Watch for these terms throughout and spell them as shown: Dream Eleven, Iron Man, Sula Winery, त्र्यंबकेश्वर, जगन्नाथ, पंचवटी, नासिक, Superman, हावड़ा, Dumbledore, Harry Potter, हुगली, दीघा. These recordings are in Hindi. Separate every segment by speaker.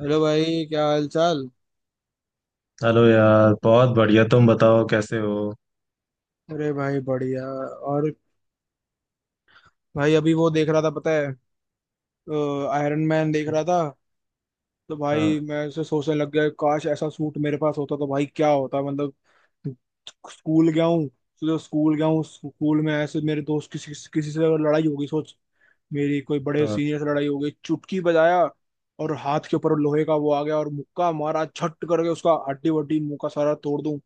Speaker 1: हेलो भाई, क्या हाल चाल।
Speaker 2: हेलो यार, बहुत बढ़िया। तुम बताओ कैसे हो।
Speaker 1: अरे भाई, बढ़िया। और भाई, अभी वो देख रहा था पता है, आयरन मैन देख रहा था। तो भाई,
Speaker 2: हाँ।
Speaker 1: मैं उसे सोचने लग गया, काश ऐसा सूट मेरे पास होता तो भाई क्या होता, मतलब स्कूल गया हूँ। तो स्कूल गया हूँ, स्कूल में ऐसे मेरे दोस्त किसी किसी से अगर लड़ाई होगी, सोच। मेरी कोई बड़े
Speaker 2: हाँ।
Speaker 1: सीनियर से लड़ाई हो गई, चुटकी बजाया और हाथ के ऊपर लोहे का वो आ गया और मुक्का मारा छट करके उसका हड्डी वड्डी मुंह का सारा तोड़ दूं,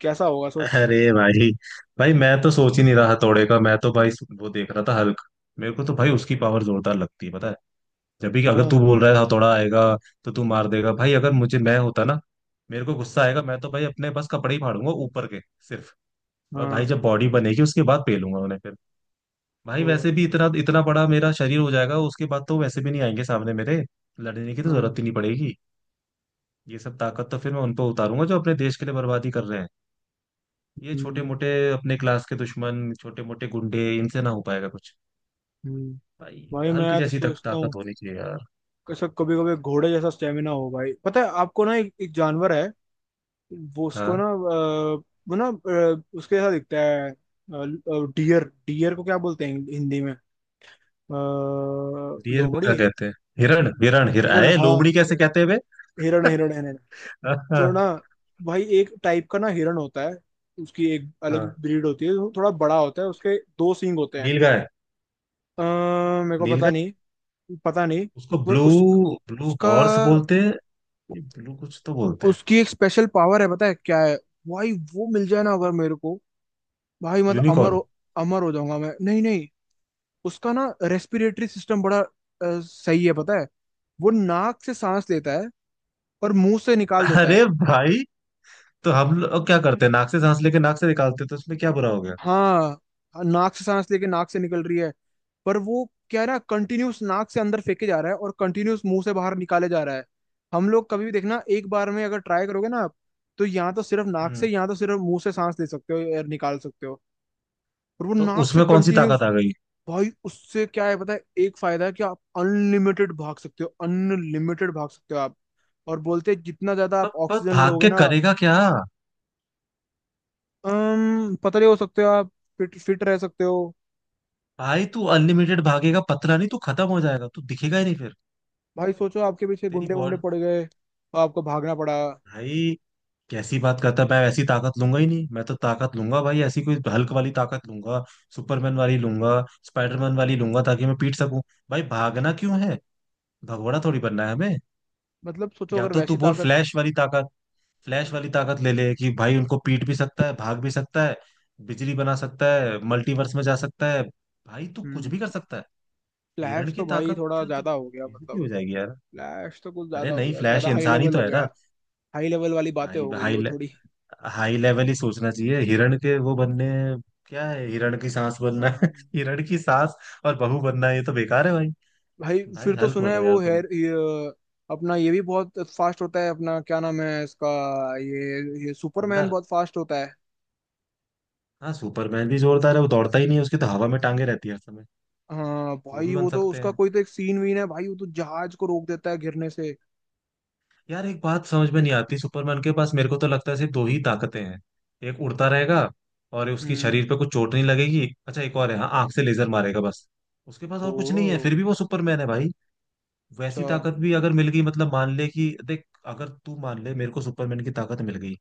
Speaker 1: कैसा होगा सोच।
Speaker 2: अरे भाई, भाई मैं तो सोच ही नहीं रहा हथौड़े का, मैं तो भाई वो देख रहा था हल्क। मेरे को तो भाई उसकी पावर जोरदार लगती है, पता है। जब भी अगर
Speaker 1: हाँ।
Speaker 2: तू बोल रहा है हथौड़ा आएगा तो तू मार देगा भाई, अगर मुझे मैं होता ना, मेरे को गुस्सा आएगा, मैं तो भाई अपने बस कपड़े ही फाड़ूंगा ऊपर के, सिर्फ। और भाई
Speaker 1: हाँ।
Speaker 2: जब बॉडी बनेगी उसके बाद पेलूंगा उन्हें फिर। भाई
Speaker 1: ओ
Speaker 2: वैसे
Speaker 1: भाई।
Speaker 2: भी इतना इतना बड़ा मेरा शरीर हो जाएगा उसके बाद, तो वैसे भी नहीं आएंगे सामने मेरे, लड़ने की तो जरूरत
Speaker 1: हम्म।
Speaker 2: ही नहीं पड़ेगी। ये सब ताकत तो फिर मैं उन पर उतारूंगा जो अपने देश के लिए बर्बादी कर रहे हैं। ये छोटे
Speaker 1: हम्म।
Speaker 2: मोटे अपने क्लास के दुश्मन, छोटे मोटे गुंडे, इनसे ना हो पाएगा कुछ।
Speaker 1: हम्म।
Speaker 2: भाई
Speaker 1: भाई,
Speaker 2: हल्क
Speaker 1: मैं तो
Speaker 2: जैसी तक
Speaker 1: सोचता हूँ,
Speaker 2: ताकत होनी चाहिए यार।
Speaker 1: कैसा कभी कभी घोड़े जैसा स्टेमिना हो भाई। पता है आपको ना, एक, एक जानवर है, वो उसको ना
Speaker 2: हाँ।
Speaker 1: वो ना उसके जैसा दिखता है। डियर, डियर को क्या बोलते हैं हिंदी में? अ,
Speaker 2: डियर को क्या
Speaker 1: लोमड़ी।
Speaker 2: कहते हैं? हिरण, हिरण हिर
Speaker 1: हिरण,
Speaker 2: आए
Speaker 1: हाँ।
Speaker 2: लोमड़ी कैसे
Speaker 1: हिरण।
Speaker 2: कहते हैं वे।
Speaker 1: हिरण हिरण हिरण।
Speaker 2: हाँ
Speaker 1: तो
Speaker 2: हाँ।
Speaker 1: ना, भाई एक टाइप का ना हिरण होता है। उसकी एक अलग
Speaker 2: हाँ।
Speaker 1: ब्रीड होती है, वो थोड़ा बड़ा होता है, उसके दो सींग होते हैं।
Speaker 2: नीलगाय।
Speaker 1: मेरे को पता
Speaker 2: नीलगाय।
Speaker 1: नहीं। पता नहीं।
Speaker 2: उसको
Speaker 1: पर
Speaker 2: ब्लू,
Speaker 1: उस,
Speaker 2: ब्लू
Speaker 1: उसका,
Speaker 2: हॉर्स बोलते हैं। ब्लू कुछ तो बोलते हैं।
Speaker 1: उसकी एक स्पेशल पावर है पता है क्या है। भाई वो मिल जाए ना अगर मेरे को, भाई मतलब अमर
Speaker 2: यूनिकॉर्न।
Speaker 1: हो, अमर हो जाऊंगा मैं। नहीं नहीं, उसका ना रेस्पिरेटरी सिस्टम बड़ा सही है पता है। वो नाक से सांस लेता है और मुंह से निकाल देता
Speaker 2: अरे
Speaker 1: है।
Speaker 2: भाई, तो हम लोग क्या करते हैं, नाक से सांस लेके नाक से निकालते हैं, तो उसमें क्या बुरा हो गया।
Speaker 1: हाँ। हाँ, नाक से सांस लेके नाक से निकल रही है, पर वो क्या है ना, कंटिन्यूस नाक से अंदर फेंके जा रहा है और कंटिन्यूस मुंह से बाहर निकाले जा रहा है। हम लोग कभी भी देखना, एक बार में अगर ट्राई करोगे ना आप, तो या तो सिर्फ नाक से
Speaker 2: हम्म।
Speaker 1: या तो सिर्फ मुंह से सांस ले सकते हो, एयर निकाल सकते हो। और वो
Speaker 2: तो
Speaker 1: नाक से
Speaker 2: उसमें कौन सी ताकत
Speaker 1: कंटिन्यूस।
Speaker 2: आ गई।
Speaker 1: भाई उससे क्या है पता है, एक फायदा है कि आप अनलिमिटेड भाग सकते हो, अनलिमिटेड भाग सकते हो आप। और बोलते हैं जितना ज्यादा
Speaker 2: पर,
Speaker 1: आप
Speaker 2: पर
Speaker 1: ऑक्सीजन
Speaker 2: भाग
Speaker 1: लोगे
Speaker 2: के
Speaker 1: ना,
Speaker 2: करेगा क्या।
Speaker 1: पतले हो सकते हो आप, फिट फिट रह सकते हो।
Speaker 2: भाई तू अनलिमिटेड भागेगा, पतला नहीं, तू खत्म हो जाएगा, तू दिखेगा ही नहीं फिर।
Speaker 1: भाई सोचो आपके पीछे
Speaker 2: तेरी
Speaker 1: गुंडे गुंडे
Speaker 2: बॉडी।
Speaker 1: पड़ गए तो आपको भागना पड़ा।
Speaker 2: भाई कैसी बात करता है, मैं ऐसी ताकत लूंगा ही नहीं। मैं तो ताकत लूंगा भाई ऐसी, कोई हल्क वाली ताकत लूंगा, सुपरमैन वाली लूंगा, स्पाइडरमैन वाली लूंगा, ताकि मैं पीट सकूं। भाई भागना क्यों है, भगोड़ा थोड़ी बनना है हमें।
Speaker 1: मतलब सोचो
Speaker 2: या
Speaker 1: अगर
Speaker 2: तो तू
Speaker 1: वैसी
Speaker 2: बोल
Speaker 1: ताकत।
Speaker 2: फ्लैश वाली ताकत। फ्लैश वाली ताकत ले ले कि भाई उनको पीट भी सकता है, भाग भी सकता है, बिजली बना सकता है, मल्टीवर्स में जा सकता है, भाई तू कुछ
Speaker 1: हम्म।
Speaker 2: भी कर सकता है। हिरण
Speaker 1: फ्लैश
Speaker 2: की
Speaker 1: तो भाई
Speaker 2: ताकत
Speaker 1: थोड़ा
Speaker 2: से तो
Speaker 1: ज्यादा हो गया,
Speaker 2: बेइज्जती
Speaker 1: मतलब
Speaker 2: हो जाएगी यार।
Speaker 1: फ्लैश तो कुछ ज्यादा
Speaker 2: अरे
Speaker 1: हो
Speaker 2: नहीं,
Speaker 1: गया,
Speaker 2: फ्लैश
Speaker 1: ज्यादा हाई
Speaker 2: इंसान ही
Speaker 1: लेवल
Speaker 2: तो
Speaker 1: हो
Speaker 2: है
Speaker 1: गया।
Speaker 2: ना।
Speaker 1: हाई लेवल वाली बातें
Speaker 2: भाई
Speaker 1: हो गई
Speaker 2: हाई
Speaker 1: वो
Speaker 2: ले,
Speaker 1: थोड़ी।
Speaker 2: हाई लेवल ही सोचना चाहिए, हिरण के वो बनने क्या है। हिरण की सांस बनना
Speaker 1: हाँ।
Speaker 2: हिरण की सांस और बहू बनना, ये तो बेकार है भाई।
Speaker 1: भाई
Speaker 2: भाई
Speaker 1: फिर तो
Speaker 2: हल्क
Speaker 1: सुना है
Speaker 2: बनो
Speaker 1: वो
Speaker 2: यार तुम।
Speaker 1: अपना ये भी बहुत फास्ट होता है अपना, क्या नाम है इसका, ये सुपरमैन
Speaker 2: बंदर।
Speaker 1: बहुत फास्ट होता है।
Speaker 2: हाँ सुपरमैन भी जोरदार है, वो दौड़ता ही नहीं है, उसकी तो हवा में टांगे रहती है हर समय।
Speaker 1: हाँ
Speaker 2: वो भी
Speaker 1: भाई,
Speaker 2: बन
Speaker 1: वो तो
Speaker 2: सकते
Speaker 1: उसका
Speaker 2: हैं।
Speaker 1: कोई तो एक सीन वीन है भाई, वो तो जहाज को रोक देता है गिरने से।
Speaker 2: यार एक बात समझ में नहीं आती, सुपरमैन के पास मेरे को तो लगता है सिर्फ दो ही ताकतें हैं। एक उड़ता रहेगा और उसकी
Speaker 1: हम्म।
Speaker 2: शरीर पे कुछ चोट नहीं लगेगी। अच्छा एक और है, हाँ, आंख से लेजर मारेगा, बस। उसके पास
Speaker 1: ओ।
Speaker 2: और कुछ नहीं है, फिर भी वो सुपरमैन है भाई। वैसी
Speaker 1: अच्छा।
Speaker 2: ताकत भी अगर मिल गई, मतलब मान ले कि देख, अगर तू मान ले मेरे को सुपरमैन की ताकत मिल गई,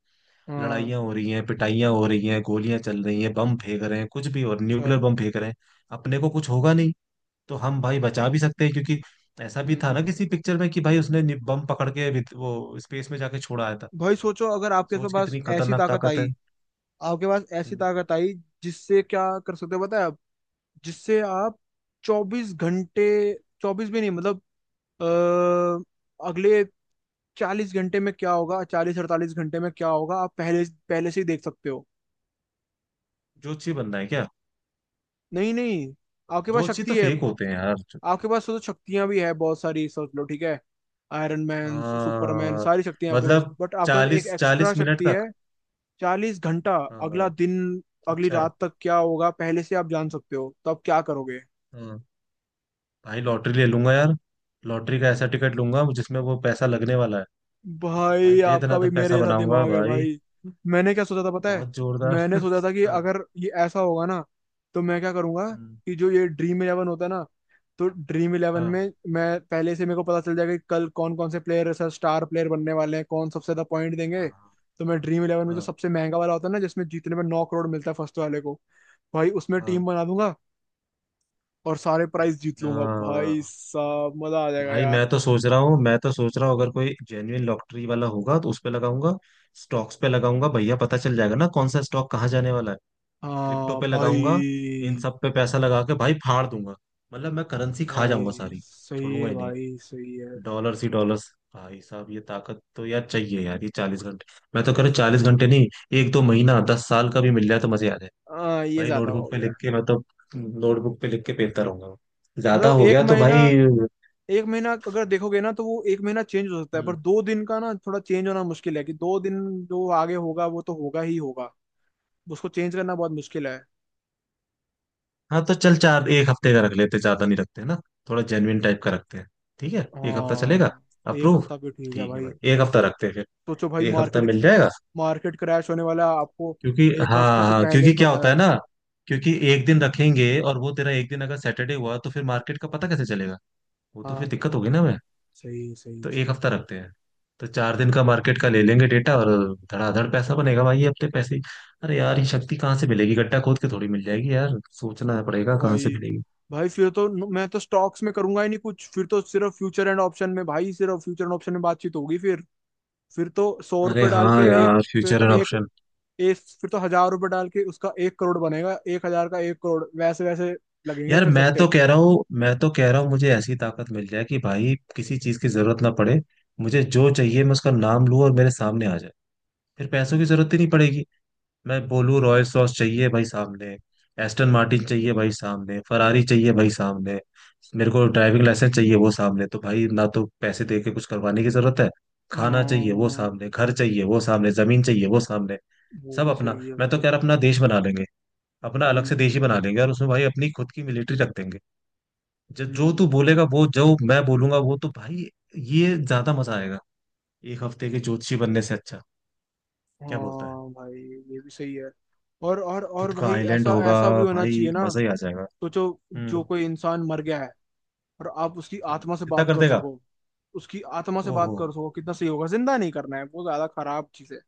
Speaker 1: हाँ।
Speaker 2: लड़ाइयाँ हो रही हैं, पिटाइयाँ हो रही हैं, गोलियां चल रही हैं, बम फेंक रहे हैं कुछ भी, और
Speaker 1: अच्छा।
Speaker 2: न्यूक्लियर बम फेंक रहे हैं, अपने को कुछ होगा नहीं। तो हम भाई बचा भी सकते हैं, क्योंकि ऐसा भी था
Speaker 1: हम्म।
Speaker 2: ना किसी पिक्चर में कि भाई उसने बम पकड़ के वो स्पेस में जाके छोड़ आया था।
Speaker 1: भाई सोचो अगर आपके
Speaker 2: सोच
Speaker 1: पास
Speaker 2: कितनी
Speaker 1: ऐसी
Speaker 2: खतरनाक
Speaker 1: ताकत
Speaker 2: ताकत है।
Speaker 1: आई, आपके पास ऐसी
Speaker 2: हम्म।
Speaker 1: ताकत आई जिससे क्या कर सकते हो पता है आप, जिससे आप 24 घंटे, 24 भी नहीं, मतलब अ, अगले 40 घंटे में क्या होगा, 40 48 घंटे में क्या होगा आप पहले पहले से ही देख सकते हो।
Speaker 2: जोशी बनना है क्या?
Speaker 1: नहीं नहीं, आपके पास
Speaker 2: जोशी तो
Speaker 1: शक्ति है।
Speaker 2: फेक होते हैं यार।
Speaker 1: आपके पास तो शक्तियां भी है बहुत सारी, सोच लो ठीक है। आयरन मैन, सुपरमैन,
Speaker 2: आ,
Speaker 1: सारी शक्तियां आपके पास,
Speaker 2: मतलब
Speaker 1: बट आपके पास एक
Speaker 2: चालीस
Speaker 1: एक्स्ट्रा
Speaker 2: चालीस मिनट
Speaker 1: शक्ति है।
Speaker 2: तक।
Speaker 1: 40 घंटा,
Speaker 2: हाँ
Speaker 1: अगला
Speaker 2: हाँ,
Speaker 1: दिन, अगली
Speaker 2: अच्छा।
Speaker 1: रात तक क्या होगा पहले से आप जान सकते हो, तो आप क्या करोगे?
Speaker 2: हाँ भाई लॉटरी ले लूंगा यार। लॉटरी का ऐसा टिकट लूंगा जिसमें वो पैसा लगने वाला है, तो भाई
Speaker 1: भाई,
Speaker 2: दे
Speaker 1: आपका भी
Speaker 2: दनादन
Speaker 1: मेरे
Speaker 2: पैसा
Speaker 1: जैसा
Speaker 2: बनाऊंगा
Speaker 1: दिमाग है
Speaker 2: भाई।
Speaker 1: भाई। मैंने क्या सोचा था पता है,
Speaker 2: बहुत जोरदार।
Speaker 1: मैंने सोचा था कि
Speaker 2: हाँ।
Speaker 1: अगर ये ऐसा होगा ना तो मैं क्या करूंगा,
Speaker 2: हम्म।
Speaker 1: कि जो ये ड्रीम इलेवन होता है ना, तो ड्रीम इलेवन
Speaker 2: हाँ
Speaker 1: में मैं पहले से मेरे को पता चल जाएगा कि कल कौन कौन से प्लेयर, सर, स्टार प्लेयर बनने वाले हैं, कौन सबसे ज्यादा पॉइंट देंगे।
Speaker 2: हाँ
Speaker 1: तो मैं ड्रीम इलेवन में जो
Speaker 2: हाँ
Speaker 1: सबसे महंगा वाला होता है ना, जिसमें जीतने में 9 करोड़ मिलता है फर्स्ट वाले को, भाई उसमें
Speaker 2: हाँ
Speaker 1: टीम
Speaker 2: हाँ।
Speaker 1: बना दूंगा और सारे प्राइज जीत
Speaker 2: अच्छा।
Speaker 1: लूंगा भाई साहब, मजा आ जाएगा
Speaker 2: भाई
Speaker 1: यार।
Speaker 2: मैं तो सोच रहा हूँ, मैं तो सोच रहा हूँ अगर कोई जेन्युइन लॉटरी वाला होगा तो उस पे लगाऊंगा, स्टॉक्स पे लगाऊंगा भैया, पता चल जाएगा ना कौन सा स्टॉक कहाँ जाने वाला है, क्रिप्टो
Speaker 1: हाँ
Speaker 2: पे लगाऊंगा, इन
Speaker 1: भाई।
Speaker 2: सब पे पैसा लगा के भाई फाड़ दूंगा। मतलब मैं करेंसी खा जाऊंगा
Speaker 1: भाई
Speaker 2: सारी,
Speaker 1: सही
Speaker 2: छोड़ूंगा
Speaker 1: है,
Speaker 2: ही नहीं।
Speaker 1: भाई सही है।
Speaker 2: डॉलर्स ही डॉलर्स। भाई साहब ये ताकत तो यार चाहिए यार, ये 40 घंटे। मैं तो कह रहा हूँ 40 घंटे नहीं, एक दो महीना, 10 साल का भी मिल जाए तो मजे आ जाए।
Speaker 1: हाँ, ये
Speaker 2: भाई
Speaker 1: ज्यादा हो
Speaker 2: नोटबुक पे
Speaker 1: गया,
Speaker 2: लिख के मैं तो, नोटबुक पे लिख के पेलता रहूंगा, ज्यादा
Speaker 1: मतलब
Speaker 2: हो
Speaker 1: एक
Speaker 2: गया तो
Speaker 1: महीना।
Speaker 2: भाई।
Speaker 1: एक महीना अगर देखोगे ना तो वो एक महीना चेंज हो सकता है, पर
Speaker 2: हम्म।
Speaker 1: 2 दिन का ना थोड़ा चेंज होना मुश्किल है, कि 2 दिन जो आगे होगा वो तो होगा ही होगा, उसको चेंज करना बहुत मुश्किल है।
Speaker 2: हाँ तो चल, चार एक हफ्ते का रख लेते, ज्यादा नहीं रखते ना, थोड़ा जेन्युइन टाइप का रखते हैं, ठीक है। एक हफ्ता चलेगा।
Speaker 1: हाँ। एक
Speaker 2: अप्रूव।
Speaker 1: हफ्ता भी ठीक है
Speaker 2: ठीक है
Speaker 1: भाई।
Speaker 2: भाई एक हफ्ता रखते हैं फिर।
Speaker 1: सोचो भाई,
Speaker 2: एक हफ्ता
Speaker 1: मार्केट,
Speaker 2: मिल जाएगा
Speaker 1: मार्केट क्रैश होने वाला है, आपको
Speaker 2: क्योंकि,
Speaker 1: एक हफ्ते
Speaker 2: हाँ
Speaker 1: से
Speaker 2: हाँ,
Speaker 1: पहले
Speaker 2: क्योंकि
Speaker 1: ही
Speaker 2: क्या
Speaker 1: पता
Speaker 2: होता
Speaker 1: है।
Speaker 2: है ना, क्योंकि एक दिन रखेंगे और वो तेरा एक दिन अगर सैटरडे हुआ तो फिर मार्केट का पता कैसे चलेगा, वो तो फिर
Speaker 1: हाँ,
Speaker 2: दिक्कत होगी ना मैं।
Speaker 1: सही सही
Speaker 2: तो एक
Speaker 1: सही
Speaker 2: हफ्ता रखते हैं, तो चार दिन का मार्केट का ले लेंगे डेटा, और धड़ाधड़ पैसा बनेगा भाई ये अपने पैसे ही। अरे यार ये शक्ति कहाँ से मिलेगी, गड्ढा खोद के थोड़ी मिल जाएगी यार, सोचना पड़ेगा कहाँ से
Speaker 1: भाई।
Speaker 2: मिलेगी।
Speaker 1: भाई फिर तो मैं तो स्टॉक्स में करूंगा ही नहीं कुछ, फिर तो सिर्फ फ्यूचर एंड ऑप्शन में भाई, सिर्फ फ्यूचर एंड ऑप्शन में बातचीत होगी फिर। फिर तो सौ
Speaker 2: अरे
Speaker 1: रुपये डाल
Speaker 2: हाँ
Speaker 1: के एक,
Speaker 2: यार
Speaker 1: फिर
Speaker 2: फ्यूचर
Speaker 1: तो
Speaker 2: एंड ऑप्शन।
Speaker 1: एक फिर तो 1,000 रुपये डाल के उसका 1 करोड़ बनेगा, 1,000 का 1 करोड़ वैसे वैसे लगेंगे
Speaker 2: यार
Speaker 1: फिर
Speaker 2: मैं तो
Speaker 1: सट्टे।
Speaker 2: कह रहा हूँ, मैं तो कह रहा हूँ मुझे ऐसी ताकत मिल जाए कि भाई किसी चीज की जरूरत ना पड़े। मुझे जो चाहिए मैं उसका नाम लूँ और मेरे सामने आ जाए, फिर पैसों की जरूरत ही नहीं पड़ेगी। मैं बोलूँ रॉयल सॉस चाहिए भाई सामने, एस्टन मार्टिन चाहिए भाई सामने, फरारी चाहिए भाई सामने, मेरे को ड्राइविंग लाइसेंस चाहिए वो सामने, तो भाई ना तो पैसे दे के कुछ करवाने की जरूरत है, खाना चाहिए वो
Speaker 1: हम्म।
Speaker 2: सामने, घर चाहिए वो सामने, जमीन चाहिए वो सामने,
Speaker 1: वो
Speaker 2: सब
Speaker 1: भी
Speaker 2: अपना।
Speaker 1: सही है
Speaker 2: मैं तो कह
Speaker 1: भाई।
Speaker 2: रहा अपना देश बना लेंगे, अपना अलग से देश
Speaker 1: हम्म।
Speaker 2: ही बना लेंगे, और उसमें भाई अपनी खुद की मिलिट्री रख देंगे, जब जो तू
Speaker 1: हम्म।
Speaker 2: बोलेगा वो, जो मैं बोलूंगा वो, तो भाई ये ज्यादा मजा आएगा, एक हफ्ते के ज्योतिषी बनने से अच्छा, क्या बोलता है।
Speaker 1: हाँ भाई, ये भी सही है। और
Speaker 2: खुद का
Speaker 1: भाई
Speaker 2: आइलैंड
Speaker 1: ऐसा
Speaker 2: होगा
Speaker 1: ऐसा भी होना
Speaker 2: भाई,
Speaker 1: चाहिए ना।
Speaker 2: मजा ही आ जाएगा।
Speaker 1: सोचो, जो
Speaker 2: हम्म।
Speaker 1: कोई इंसान मर गया है और आप उसकी
Speaker 2: हाँ,
Speaker 1: आत्मा से
Speaker 2: जितना
Speaker 1: बात
Speaker 2: कर
Speaker 1: कर
Speaker 2: देगा।
Speaker 1: सको, उसकी आत्मा से
Speaker 2: ओहो।
Speaker 1: बात कर सको कितना सही होगा। जिंदा नहीं करना है, वो ज्यादा खराब चीज है।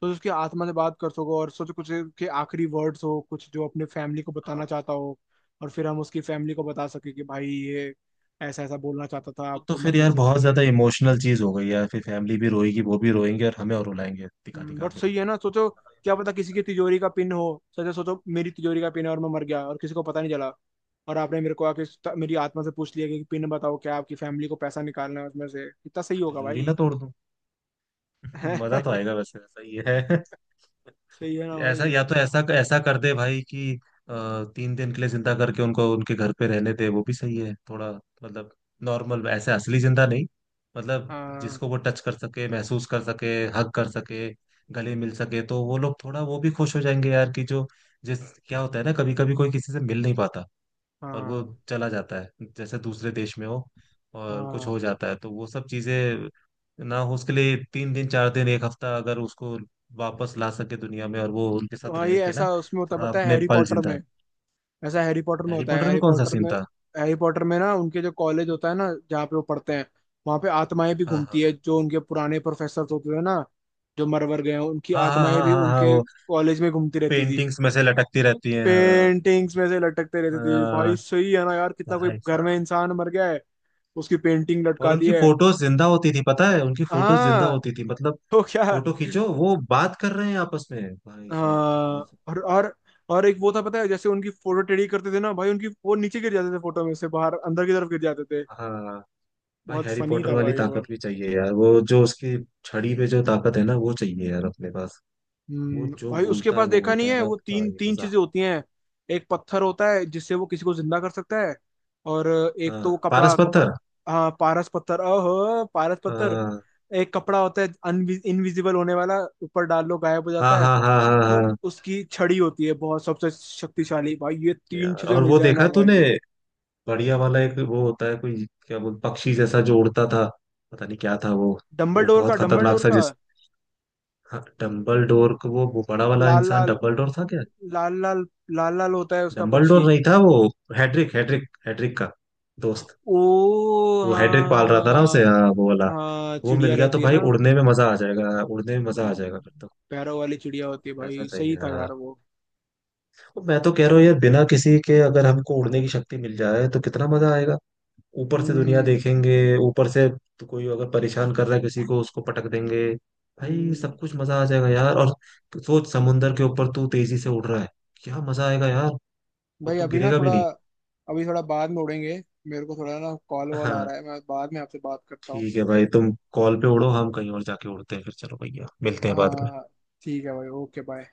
Speaker 1: तो उसकी आत्मा से बात कर सको और सोचो कुछ के आखिरी वर्ड्स हो, कुछ जो अपने फैमिली को
Speaker 2: हाँ,
Speaker 1: बताना चाहता हो, और फिर हम उसकी फैमिली को बता सके कि भाई ये ऐसा ऐसा बोलना चाहता था
Speaker 2: वो तो
Speaker 1: आपको
Speaker 2: फिर
Speaker 1: मरने
Speaker 2: यार
Speaker 1: से
Speaker 2: बहुत
Speaker 1: पहले।
Speaker 2: ज्यादा इमोशनल चीज हो गई यार, फिर फैमिली भी रोएगी, वो भी रोएंगे और हमें और रुलाएंगे दिखा दिखा
Speaker 1: बट
Speaker 2: के।
Speaker 1: सही है ना, सोचो। क्या पता किसी की तिजोरी का पिन हो। सोचो, सोचो मेरी तिजोरी का पिन है और मैं मर गया और किसी को पता नहीं चला, और आपने मेरे को आके मेरी आत्मा से पूछ लिया कि पिन बताओ, क्या आपकी फैमिली को पैसा निकालना है उसमें से, कितना सही
Speaker 2: मैं
Speaker 1: होगा
Speaker 2: तिजोरी
Speaker 1: भाई।
Speaker 2: ना तोड़ दूं। मजा तो आएगा, वैसे वैसा ही है।
Speaker 1: सही है ना
Speaker 2: ऐसा,
Speaker 1: भाई।
Speaker 2: या तो ऐसा ऐसा कर दे भाई कि अ, 3 दिन के लिए जिंदा करके उनको उनके घर पे रहने दे, वो भी सही है थोड़ा। मतलब नॉर्मल ऐसे असली जिंदा नहीं, मतलब
Speaker 1: हाँ,
Speaker 2: जिसको वो टच कर सके, महसूस कर सके, हग कर सके, गले मिल सके, तो वो लोग थोड़ा वो भी खुश हो जाएंगे यार, कि जो, जिस, क्या होता है ना, कभी कभी कोई किसी से मिल नहीं पाता और वो
Speaker 1: हाँ,
Speaker 2: चला जाता है, जैसे दूसरे देश में हो और कुछ
Speaker 1: हाँ।
Speaker 2: हो जाता है, तो वो सब चीजें ना हो, उसके लिए 3 दिन, 4 दिन, एक हफ्ता अगर उसको वापस ला सके दुनिया में, और वो उनके साथ
Speaker 1: भाई
Speaker 2: रह के ना
Speaker 1: ऐसा उसमें होता
Speaker 2: थोड़ा
Speaker 1: पता है,
Speaker 2: अपने
Speaker 1: हैरी
Speaker 2: पल
Speaker 1: पॉटर में,
Speaker 2: जिंदा।
Speaker 1: ऐसा हैरी पॉटर में
Speaker 2: हैरी
Speaker 1: होता है,
Speaker 2: पॉटर में
Speaker 1: हैरी
Speaker 2: कौन सा
Speaker 1: पॉटर
Speaker 2: सीन
Speaker 1: में।
Speaker 2: था।
Speaker 1: हैरी पॉटर में ना उनके जो कॉलेज होता है ना, जहाँ पे वो पढ़ते हैं, वहाँ पे आत्माएं भी
Speaker 2: हाँ
Speaker 1: घूमती
Speaker 2: हाँ
Speaker 1: है, जो उनके पुराने प्रोफेसर होते थे ना, जो मरवर गए हैं उनकी
Speaker 2: हाँ हाँ
Speaker 1: आत्माएं
Speaker 2: हाँ
Speaker 1: भी
Speaker 2: हाँ हाँ,
Speaker 1: उनके
Speaker 2: वो
Speaker 1: कॉलेज में घूमती रहती थी।
Speaker 2: पेंटिंग्स में से लटकती रहती हैं, हाँ।
Speaker 1: पेंटिंग्स में से लटकते रहती थी
Speaker 2: हाँ,
Speaker 1: भाई, सही है ना यार, कितना कोई
Speaker 2: भाई
Speaker 1: घर में
Speaker 2: साहब।
Speaker 1: इंसान मर गया है, उसकी पेंटिंग
Speaker 2: और
Speaker 1: लटका दी
Speaker 2: उनकी
Speaker 1: है।
Speaker 2: फोटोज जिंदा होती थी, पता है, उनकी फोटोज जिंदा
Speaker 1: हाँ,
Speaker 2: होती थी मतलब,
Speaker 1: तो क्या।
Speaker 2: फोटो खींचो वो बात कर रहे हैं आपस में, भाई साहब
Speaker 1: हाँ,
Speaker 2: बहुत।
Speaker 1: और एक वो था पता है, जैसे उनकी फोटो टेढ़ी करते थे ना भाई, उनकी वो नीचे गिर जाते थे, फोटो में से बाहर अंदर की तरफ गिर जाते थे,
Speaker 2: हाँ भाई,
Speaker 1: बहुत
Speaker 2: हैरी
Speaker 1: फनी
Speaker 2: पॉटर
Speaker 1: था
Speaker 2: वाली
Speaker 1: भाई
Speaker 2: ताकत
Speaker 1: वो।
Speaker 2: भी चाहिए यार, वो जो उसकी छड़ी पे जो ताकत है ना, वो चाहिए यार अपने पास। वो
Speaker 1: हम्म।
Speaker 2: जो
Speaker 1: भाई उसके
Speaker 2: बोलता है
Speaker 1: पास
Speaker 2: वो
Speaker 1: देखा
Speaker 2: होता
Speaker 1: नहीं
Speaker 2: है
Speaker 1: है,
Speaker 2: ना,
Speaker 1: वो
Speaker 2: हाँ,
Speaker 1: तीन
Speaker 2: ये
Speaker 1: तीन
Speaker 2: मजा।
Speaker 1: चीजें होती हैं। एक पत्थर होता है जिससे वो किसी को जिंदा कर सकता है, और एक
Speaker 2: हाँ
Speaker 1: तो वो
Speaker 2: पारस
Speaker 1: कपड़ा कपड़ा
Speaker 2: पत्थर।
Speaker 1: हाँ, पारस पत्थर, ओहो पारस पत्थर।
Speaker 2: हाँ
Speaker 1: एक कपड़ा होता है, इनविजिबल होने वाला, ऊपर डाल लो गायब हो
Speaker 2: हाँ
Speaker 1: जाता है।
Speaker 2: हाँ हाँ हाँ
Speaker 1: और
Speaker 2: हाँ।
Speaker 1: उसकी छड़ी होती है बहुत सबसे शक्तिशाली, भाई ये तीन
Speaker 2: यार
Speaker 1: चीजें
Speaker 2: और
Speaker 1: मिल
Speaker 2: वो
Speaker 1: जाए ना
Speaker 2: देखा तूने
Speaker 1: भाई।
Speaker 2: बढ़िया वाला, एक वो होता है कोई, क्या बोल, पक्षी जैसा जो उड़ता था, पता नहीं क्या था वो
Speaker 1: डंबलडोर का
Speaker 2: बहुत खतरनाक
Speaker 1: डंबलडोर
Speaker 2: सा
Speaker 1: का
Speaker 2: जिस, हाँ, डम्बल डोर को, वो बड़ा वाला
Speaker 1: लाल
Speaker 2: इंसान
Speaker 1: लाल,
Speaker 2: डम्बल डोर था क्या?
Speaker 1: लाल लाल, लाल लाल होता है उसका
Speaker 2: डम्बल
Speaker 1: पक्षी।
Speaker 2: डोर नहीं था वो। हैड्रिक हैड्रिक हैड्रिक का दोस्त।
Speaker 1: ओ
Speaker 2: वो हेडेक पाल रहा था ना उसे,
Speaker 1: हाँ।
Speaker 2: हाँ वो वाला।
Speaker 1: हाँ,
Speaker 2: वो मिल
Speaker 1: चिड़िया
Speaker 2: गया तो
Speaker 1: रहती है
Speaker 2: भाई
Speaker 1: ना।
Speaker 2: उड़ने में मजा आ जाएगा, उड़ने में मजा आ जाएगा
Speaker 1: हम्म।
Speaker 2: फिर तो।
Speaker 1: पैरों वाली चिड़िया होती है
Speaker 2: ऐसा
Speaker 1: भाई,
Speaker 2: चाहिए
Speaker 1: सही था
Speaker 2: यार।
Speaker 1: यार वो।
Speaker 2: तो मैं तो कह रहा हूँ यार बिना किसी के अगर हमको उड़ने की शक्ति मिल जाए तो कितना मजा आएगा, ऊपर से दुनिया
Speaker 1: हम्म।
Speaker 2: देखेंगे ऊपर से, तो कोई अगर परेशान कर रहा है किसी को उसको पटक देंगे, भाई
Speaker 1: हम्म।
Speaker 2: सब कुछ मजा आ जाएगा यार। और सोच, समुंदर के ऊपर तू तेजी से उड़ रहा है, क्या मजा आएगा यार, और
Speaker 1: भाई
Speaker 2: तू गिरेगा भी नहीं।
Speaker 1: अभी थोड़ा बाद में उड़ेंगे। मेरे को थोड़ा ना कॉल वॉल आ
Speaker 2: हाँ।
Speaker 1: रहा है, मैं बाद में आपसे बात करता हूँ।
Speaker 2: ठीक है भाई, तुम कॉल पे उड़ो, हम कहीं और जाके उड़ते हैं फिर। चलो भैया मिलते हैं बाद में।
Speaker 1: हाँ। ठीक है भाई, ओके बाय।